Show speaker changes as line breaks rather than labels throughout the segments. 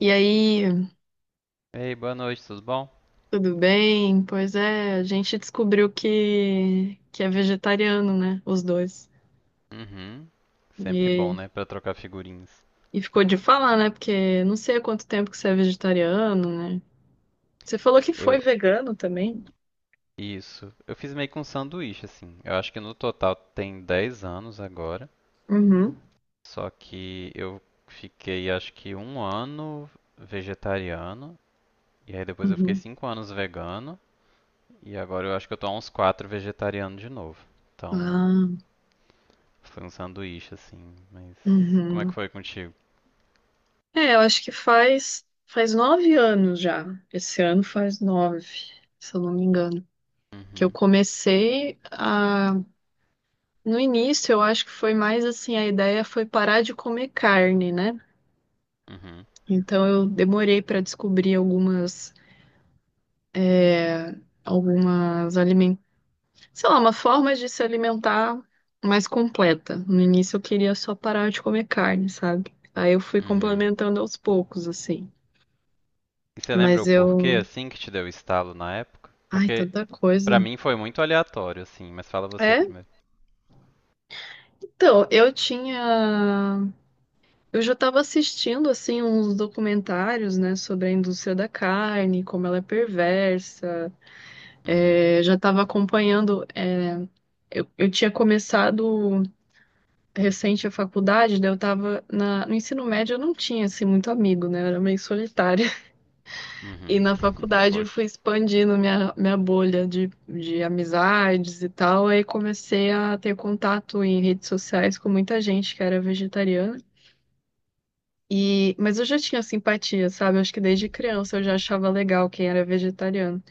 E aí,
Ei, boa noite, tudo bom?
tudo bem? Pois é, a gente descobriu que é vegetariano, né? Os dois.
Uhum. Sempre bom,
E,
né, pra trocar figurinhas.
e ficou de falar, né? Porque não sei há quanto tempo que você é vegetariano, né? Você falou que foi
Eu,
vegano também?
isso. Eu fiz meio que um sanduíche assim. Eu acho que no total tem 10 anos agora,
Uhum,
só que eu fiquei acho que 1 ano vegetariano e aí depois eu fiquei
uhum.
5 anos vegano e agora eu acho que eu tô há uns 4 vegetariano de novo. Então,
Ah,
foi um sanduíche assim, mas como é que
uhum.
foi contigo?
É, eu acho que faz 9 anos já. Esse ano faz 9, se eu não me engano. Que eu
Uhum.
comecei a. No início, eu acho que foi mais assim, a ideia foi parar de comer carne, né?
Uhum.
Então eu demorei para descobrir é, algumas alimentos, sei lá, uma forma de se alimentar mais completa. No início eu queria só parar de comer carne, sabe? Aí eu fui
Uhum.
complementando aos poucos, assim.
E você lembra
Mas
o porquê,
eu.
assim, que te deu o estalo na época?
Ai,
Porque
tanta coisa.
pra mim foi muito aleatório, assim, mas fala você
É,
primeiro.
então, eu tinha. Eu já estava assistindo, assim, uns documentários, né, sobre a indústria da carne, como ela é perversa.
Uhum,
É, já estava acompanhando. Eu tinha começado recente a faculdade, daí eu estava no ensino médio, eu não tinha assim, muito amigo, né? Eu era meio solitária. E
uhum,
na faculdade eu fui
poxa.
expandindo minha bolha de amizades e tal. Aí comecei a ter contato em redes sociais com muita gente que era vegetariana. E, mas eu já tinha simpatia, sabe? Acho que desde criança eu já achava legal quem era vegetariano.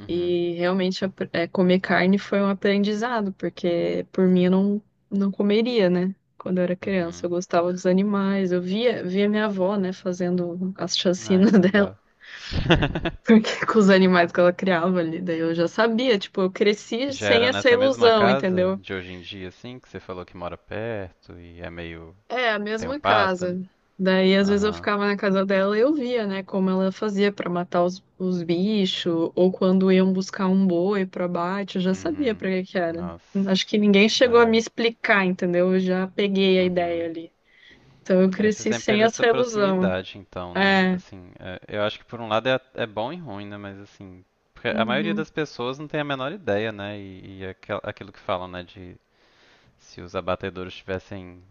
Uhum,
E realmente comer carne foi um aprendizado, porque por mim eu não comeria, né? Quando eu era criança, eu
uhum.
gostava dos animais. Eu via minha avó, né, fazendo as
Ai,
chacinas
que
dela,
legal.
porque com os animais que ela criava ali. Daí eu já sabia, tipo, eu cresci
Já
sem
era
essa
nessa mesma
ilusão,
casa
entendeu?
de hoje em dia, assim, que você falou que mora perto e é meio.
É, a
Tem o
mesma
pasto ali?
casa. Daí, às vezes, eu
Aham,
ficava na casa dela e eu via, né, como ela fazia pra matar os bichos, ou quando iam buscar um boi pro abate, eu já sabia
uhum.
pra que que era.
Nossa,
Acho que ninguém chegou a me
é,
explicar, entendeu? Eu já peguei a ideia
uhum.
ali. Então, eu
É, você
cresci
sempre
sem
teve essa
essa ilusão.
proximidade, então, né?
É.
Assim, eu acho que por um lado é bom e ruim, né? Mas assim, porque a maioria
Uhum.
das pessoas não tem a menor ideia, né? E aquilo que falam, né? De se os abatedouros tivessem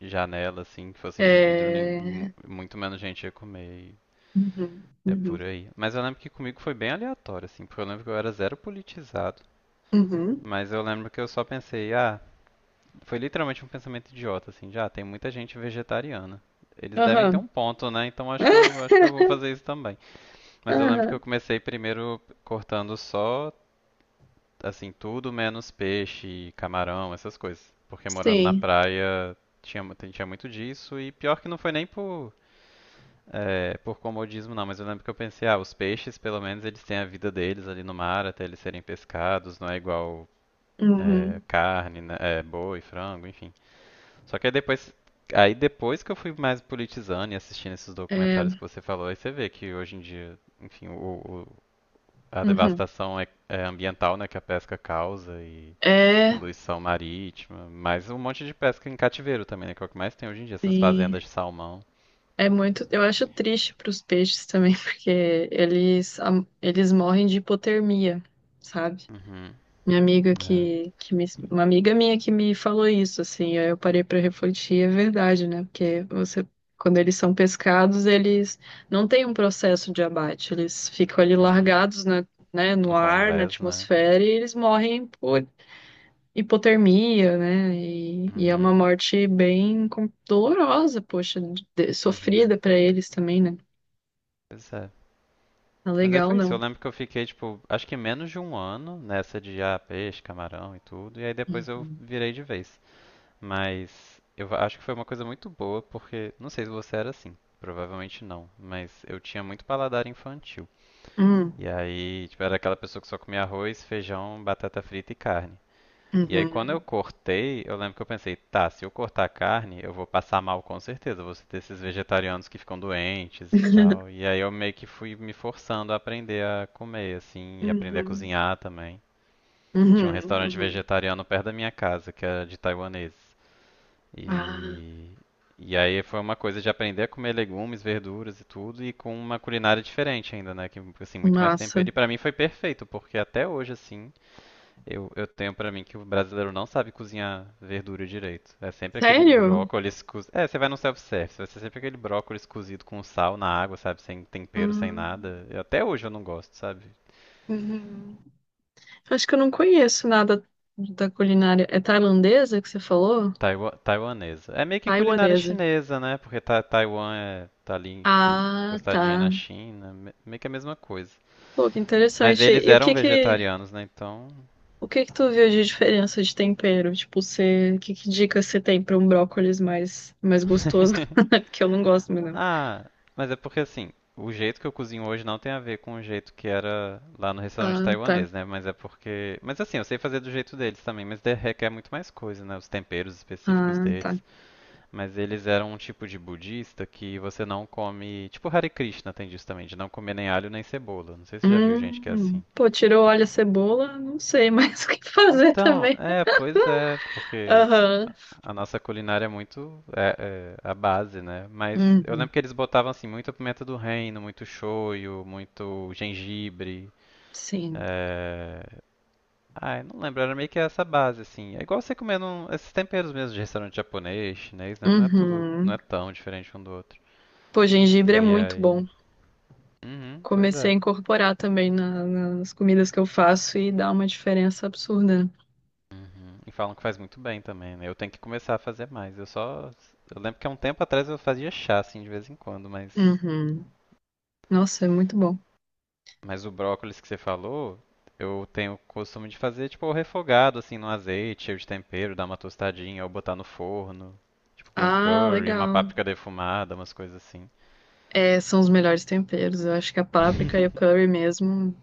janela, assim, que fossem de vidro,
É.
muito menos gente ia comer. E
Uhum.
é por
Uhum.
aí. Mas eu lembro que comigo foi bem aleatório, assim, porque eu lembro que eu era zero politizado.
Uhum.
Mas eu lembro que eu só pensei, ah, foi literalmente um pensamento idiota, assim, já ah, tem muita gente vegetariana. Eles devem ter
Aham.
um ponto, né? Então acho que eu vou fazer isso também. Mas eu lembro que eu
Aham.
comecei primeiro cortando só assim tudo menos peixe, camarão, essas coisas, porque morando na
Sim.
praia tinha muito disso e pior que não foi nem por por comodismo não, mas eu lembro que eu pensei, ah, os peixes pelo menos eles têm a vida deles ali no mar até eles serem pescados, não é igual
Uhum.
carne, né? É, boi, frango, enfim. Só que aí depois que eu fui mais politizando e assistindo esses documentários
É.
que você falou, aí você vê que hoje em dia, enfim, a
Uhum.
devastação é ambiental, né, que a pesca causa e
É.
poluição marítima, mas um monte de pesca em cativeiro também, né, que é o que mais tem hoje em dia, essas
Sim.
fazendas de salmão.
É muito, eu acho triste para os peixes também, porque eles morrem de hipotermia, sabe?
Uhum,
Minha amiga
é,
que me, uma amiga minha que me falou isso, assim, aí eu parei para refletir, é verdade, né? Porque você, quando eles são pescados, eles não têm um processo de abate, eles ficam ali
uhum.
largados na, né, no
No
ar, na
convés, né?
atmosfera, e eles morrem hipotermia, né? E é uma
Uhum,
morte bem dolorosa, poxa,
uhum.
sofrida pra eles também, né?
Pois é.
Não é
Mas aí
legal,
foi isso. Eu
não.
lembro que eu fiquei, tipo, acho que menos de um ano nessa de ah, peixe, camarão e tudo. E aí depois eu
Uhum.
virei de vez. Mas acho que foi uma coisa muito boa, porque não sei se você era assim, provavelmente não, mas eu tinha muito paladar infantil.
Hum,
E aí, tipo, era aquela pessoa que só comia arroz, feijão, batata frita e carne. E aí, quando eu
uhum.
cortei, eu lembro que eu pensei, tá, se eu cortar a carne, eu vou passar mal com certeza, eu vou ter esses vegetarianos que ficam doentes e tal. E aí, eu meio que fui me forçando a aprender a comer, assim, e aprender a
Uhum.
cozinhar também. Tinha um
Uhum.
restaurante
Uhum.
vegetariano perto da minha casa, que era de taiwaneses.
Ah,
E, e aí foi uma coisa de aprender a comer legumes, verduras e tudo, e com uma culinária diferente ainda, né? Que, assim, muito mais tempero.
massa.
E pra mim foi perfeito, porque até hoje, assim, eu tenho pra mim que o brasileiro não sabe cozinhar verdura direito. É sempre aquele
Sério?
brócolis cozido. É, você vai no self-service, vai ser sempre aquele brócolis cozido com sal na água, sabe? Sem tempero, sem
Hum,
nada. Até hoje eu não gosto, sabe?
uhum. Acho que eu não conheço nada da culinária. É tailandesa que você falou?
Taiwanesa. É meio que culinária
Taiwanesa.
chinesa, né? Porque ta Taiwan tá ali
Ah,
costadinha na
tá.
China, meio que a mesma coisa.
Pô, que
Mas
interessante.
eles
E o
eram
que que.
vegetarianos, né? Então.
O que que tu viu de diferença de tempero? Tipo, você, que dicas você tem pra um brócolis mais gostoso? Porque eu não gosto muito, não.
Ah, mas é porque assim, o jeito que eu cozinho hoje não tem a ver com o jeito que era lá no restaurante
Ah, tá.
taiwanês, né? Mas é porque. Mas assim, eu sei fazer do jeito deles também, mas requer muito mais coisa, né? Os temperos específicos
Ah, tá.
deles. Mas eles eram um tipo de budista que você não come. Tipo Hare Krishna tem disso também, de não comer nem alho nem cebola. Não sei se você já viu gente que é assim.
Pô, tirou óleo e cebola, não sei mais o que fazer
Então,
também.
pois é, porque
Aham.
a nossa culinária é muito é a base, né? Mas eu
Uhum.
lembro que eles botavam assim muita pimenta do reino, muito shoyu, muito gengibre.
Sim.
É... Ai, não lembro, era meio que essa base assim. É igual você comendo esses temperos mesmo de restaurante japonês, chinês, né? Não é tudo, não
Uhum.
é tão diferente um do outro.
Pô, gengibre é
E
muito
aí,
bom.
uhum, pois
Comecei
é.
a incorporar também nas comidas que eu faço e dá uma diferença absurda.
Uhum. E falam que faz muito bem também, né? Eu tenho que começar a fazer mais. Eu lembro que há um tempo atrás eu fazia chá assim de vez em quando, mas
Uhum. Nossa, é muito bom.
Mas o brócolis que você falou, eu tenho o costume de fazer tipo refogado assim no azeite, cheio de tempero, dar uma tostadinha ou botar no forno, tipo com
Ah,
curry, uma
legal.
páprica defumada, umas coisas assim.
É, são os melhores temperos. Eu acho que a páprica e o curry mesmo.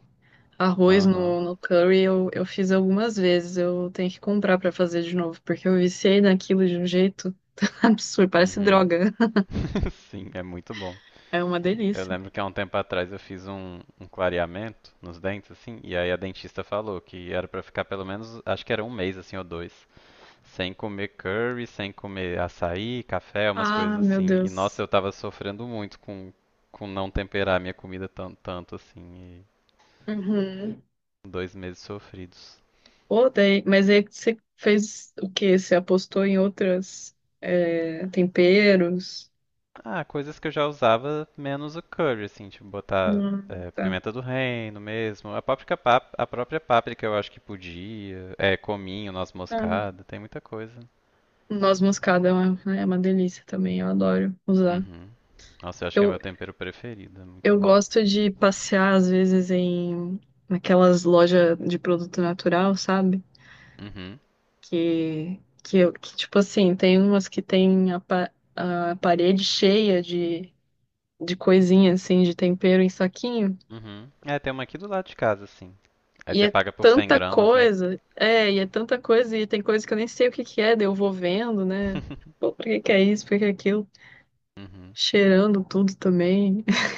Arroz
Aham.
no curry eu fiz algumas vezes. Eu tenho que comprar pra fazer de novo, porque eu viciei naquilo de um jeito absurdo. Parece
Uhum.
droga.
Sim, é muito bom.
É uma
Eu
delícia.
lembro que há um tempo atrás eu fiz um clareamento nos dentes, assim, e aí a dentista falou que era pra ficar pelo menos, acho que era um mês, assim, ou dois. Sem comer curry, sem comer açaí, café, umas coisas
Ah, meu
assim. E
Deus.
nossa, eu tava sofrendo muito com não temperar minha comida tanto, tanto assim.
Uhum.
E dois meses sofridos.
Odeio. Mas aí você fez o quê? Você apostou em outros temperos?
Ah, coisas que eu já usava menos o curry, assim, tipo botar
Tá.
pimenta do reino mesmo. A própria páprica eu acho que podia. É, cominho, noz
Ah,
moscada, tem muita coisa.
noz moscada é uma delícia também. Eu adoro usar.
Uhum. Nossa, eu acho que é
Eu
meu tempero preferido, é muito
Eu
bom.
gosto de passear, às vezes, naquelas lojas de produto natural, sabe?
Uhum.
Que, tipo assim, tem umas que tem a parede cheia de coisinha, assim, de tempero em saquinho.
Uhum. É, tem uma aqui do lado de casa, assim. Aí
E
você
é
paga por 100
tanta
gramas, né?
coisa, é, e é tanta coisa, e tem coisa que eu nem sei o que que é, daí eu vou vendo, né? Pô, por que que é isso, por que que é aquilo?
Uhum.
Cheirando tudo também.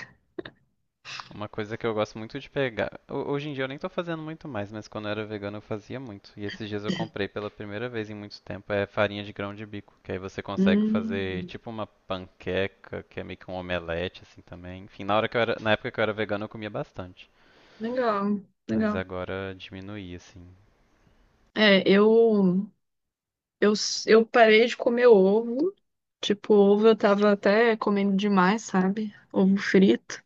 Uma coisa que eu gosto muito de pegar. Hoje em dia eu nem tô fazendo muito mais, mas quando eu era vegano eu fazia muito. E esses dias eu comprei pela primeira vez em muito tempo é farinha de grão de bico, que aí você consegue fazer
Hum,
tipo uma panqueca, que é meio que um omelete assim também. Enfim, na época que eu era vegano eu comia bastante,
legal,
mas
legal.
agora diminuí assim.
É, eu. Eu parei de comer ovo. Tipo, ovo eu tava até comendo demais, sabe? Ovo frito.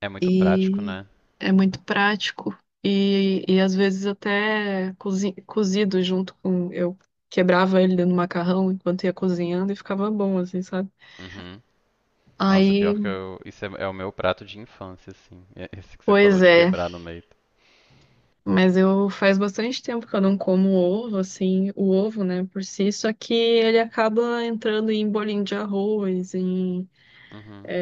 É muito prático,
E
né?
é muito prático. E às vezes até cozido junto com. Eu quebrava ele dentro do macarrão enquanto ia cozinhando e ficava bom, assim, sabe?
Uhum. Nossa,
Aí,
pior que eu. Isso é o meu prato de infância, assim. É esse que você falou
pois
de
é.
quebrar no meio.
Mas eu faz bastante tempo que eu não como ovo, assim, o ovo, né, por si. Só que ele acaba entrando em bolinho de arroz, em
Uhum,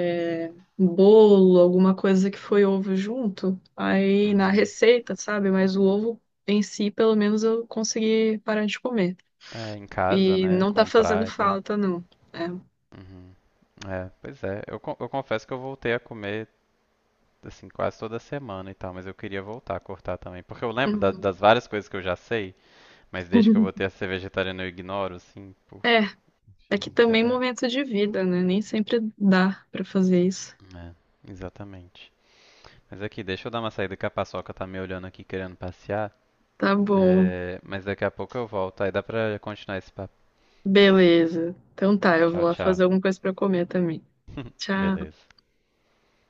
um bolo, alguma coisa que foi ovo junto, aí na
uhum.
receita, sabe? Mas o ovo em si, pelo menos eu consegui parar de comer.
É, em casa,
E
né?
não tá fazendo
Comprar e tal.
falta, não. É.
Uhum. É, pois é. Eu confesso que eu voltei a comer, assim, quase toda semana e tal, mas eu queria voltar a cortar também. Porque eu lembro das várias coisas que eu já sei, mas desde que eu
Uhum.
voltei a ser vegetariano eu ignoro, assim, por...
É, é que
É,
também
é,
momento de vida, né? Nem sempre dá pra fazer isso.
é, exatamente. Mas aqui, deixa eu dar uma saída que a paçoca tá me olhando aqui querendo passear.
Tá bom,
É, mas daqui a pouco eu volto, aí dá pra continuar esse papo.
beleza. Então tá, eu vou
Tchau,
lá
tchau.
fazer alguma coisa pra comer também. Tchau.
Beleza.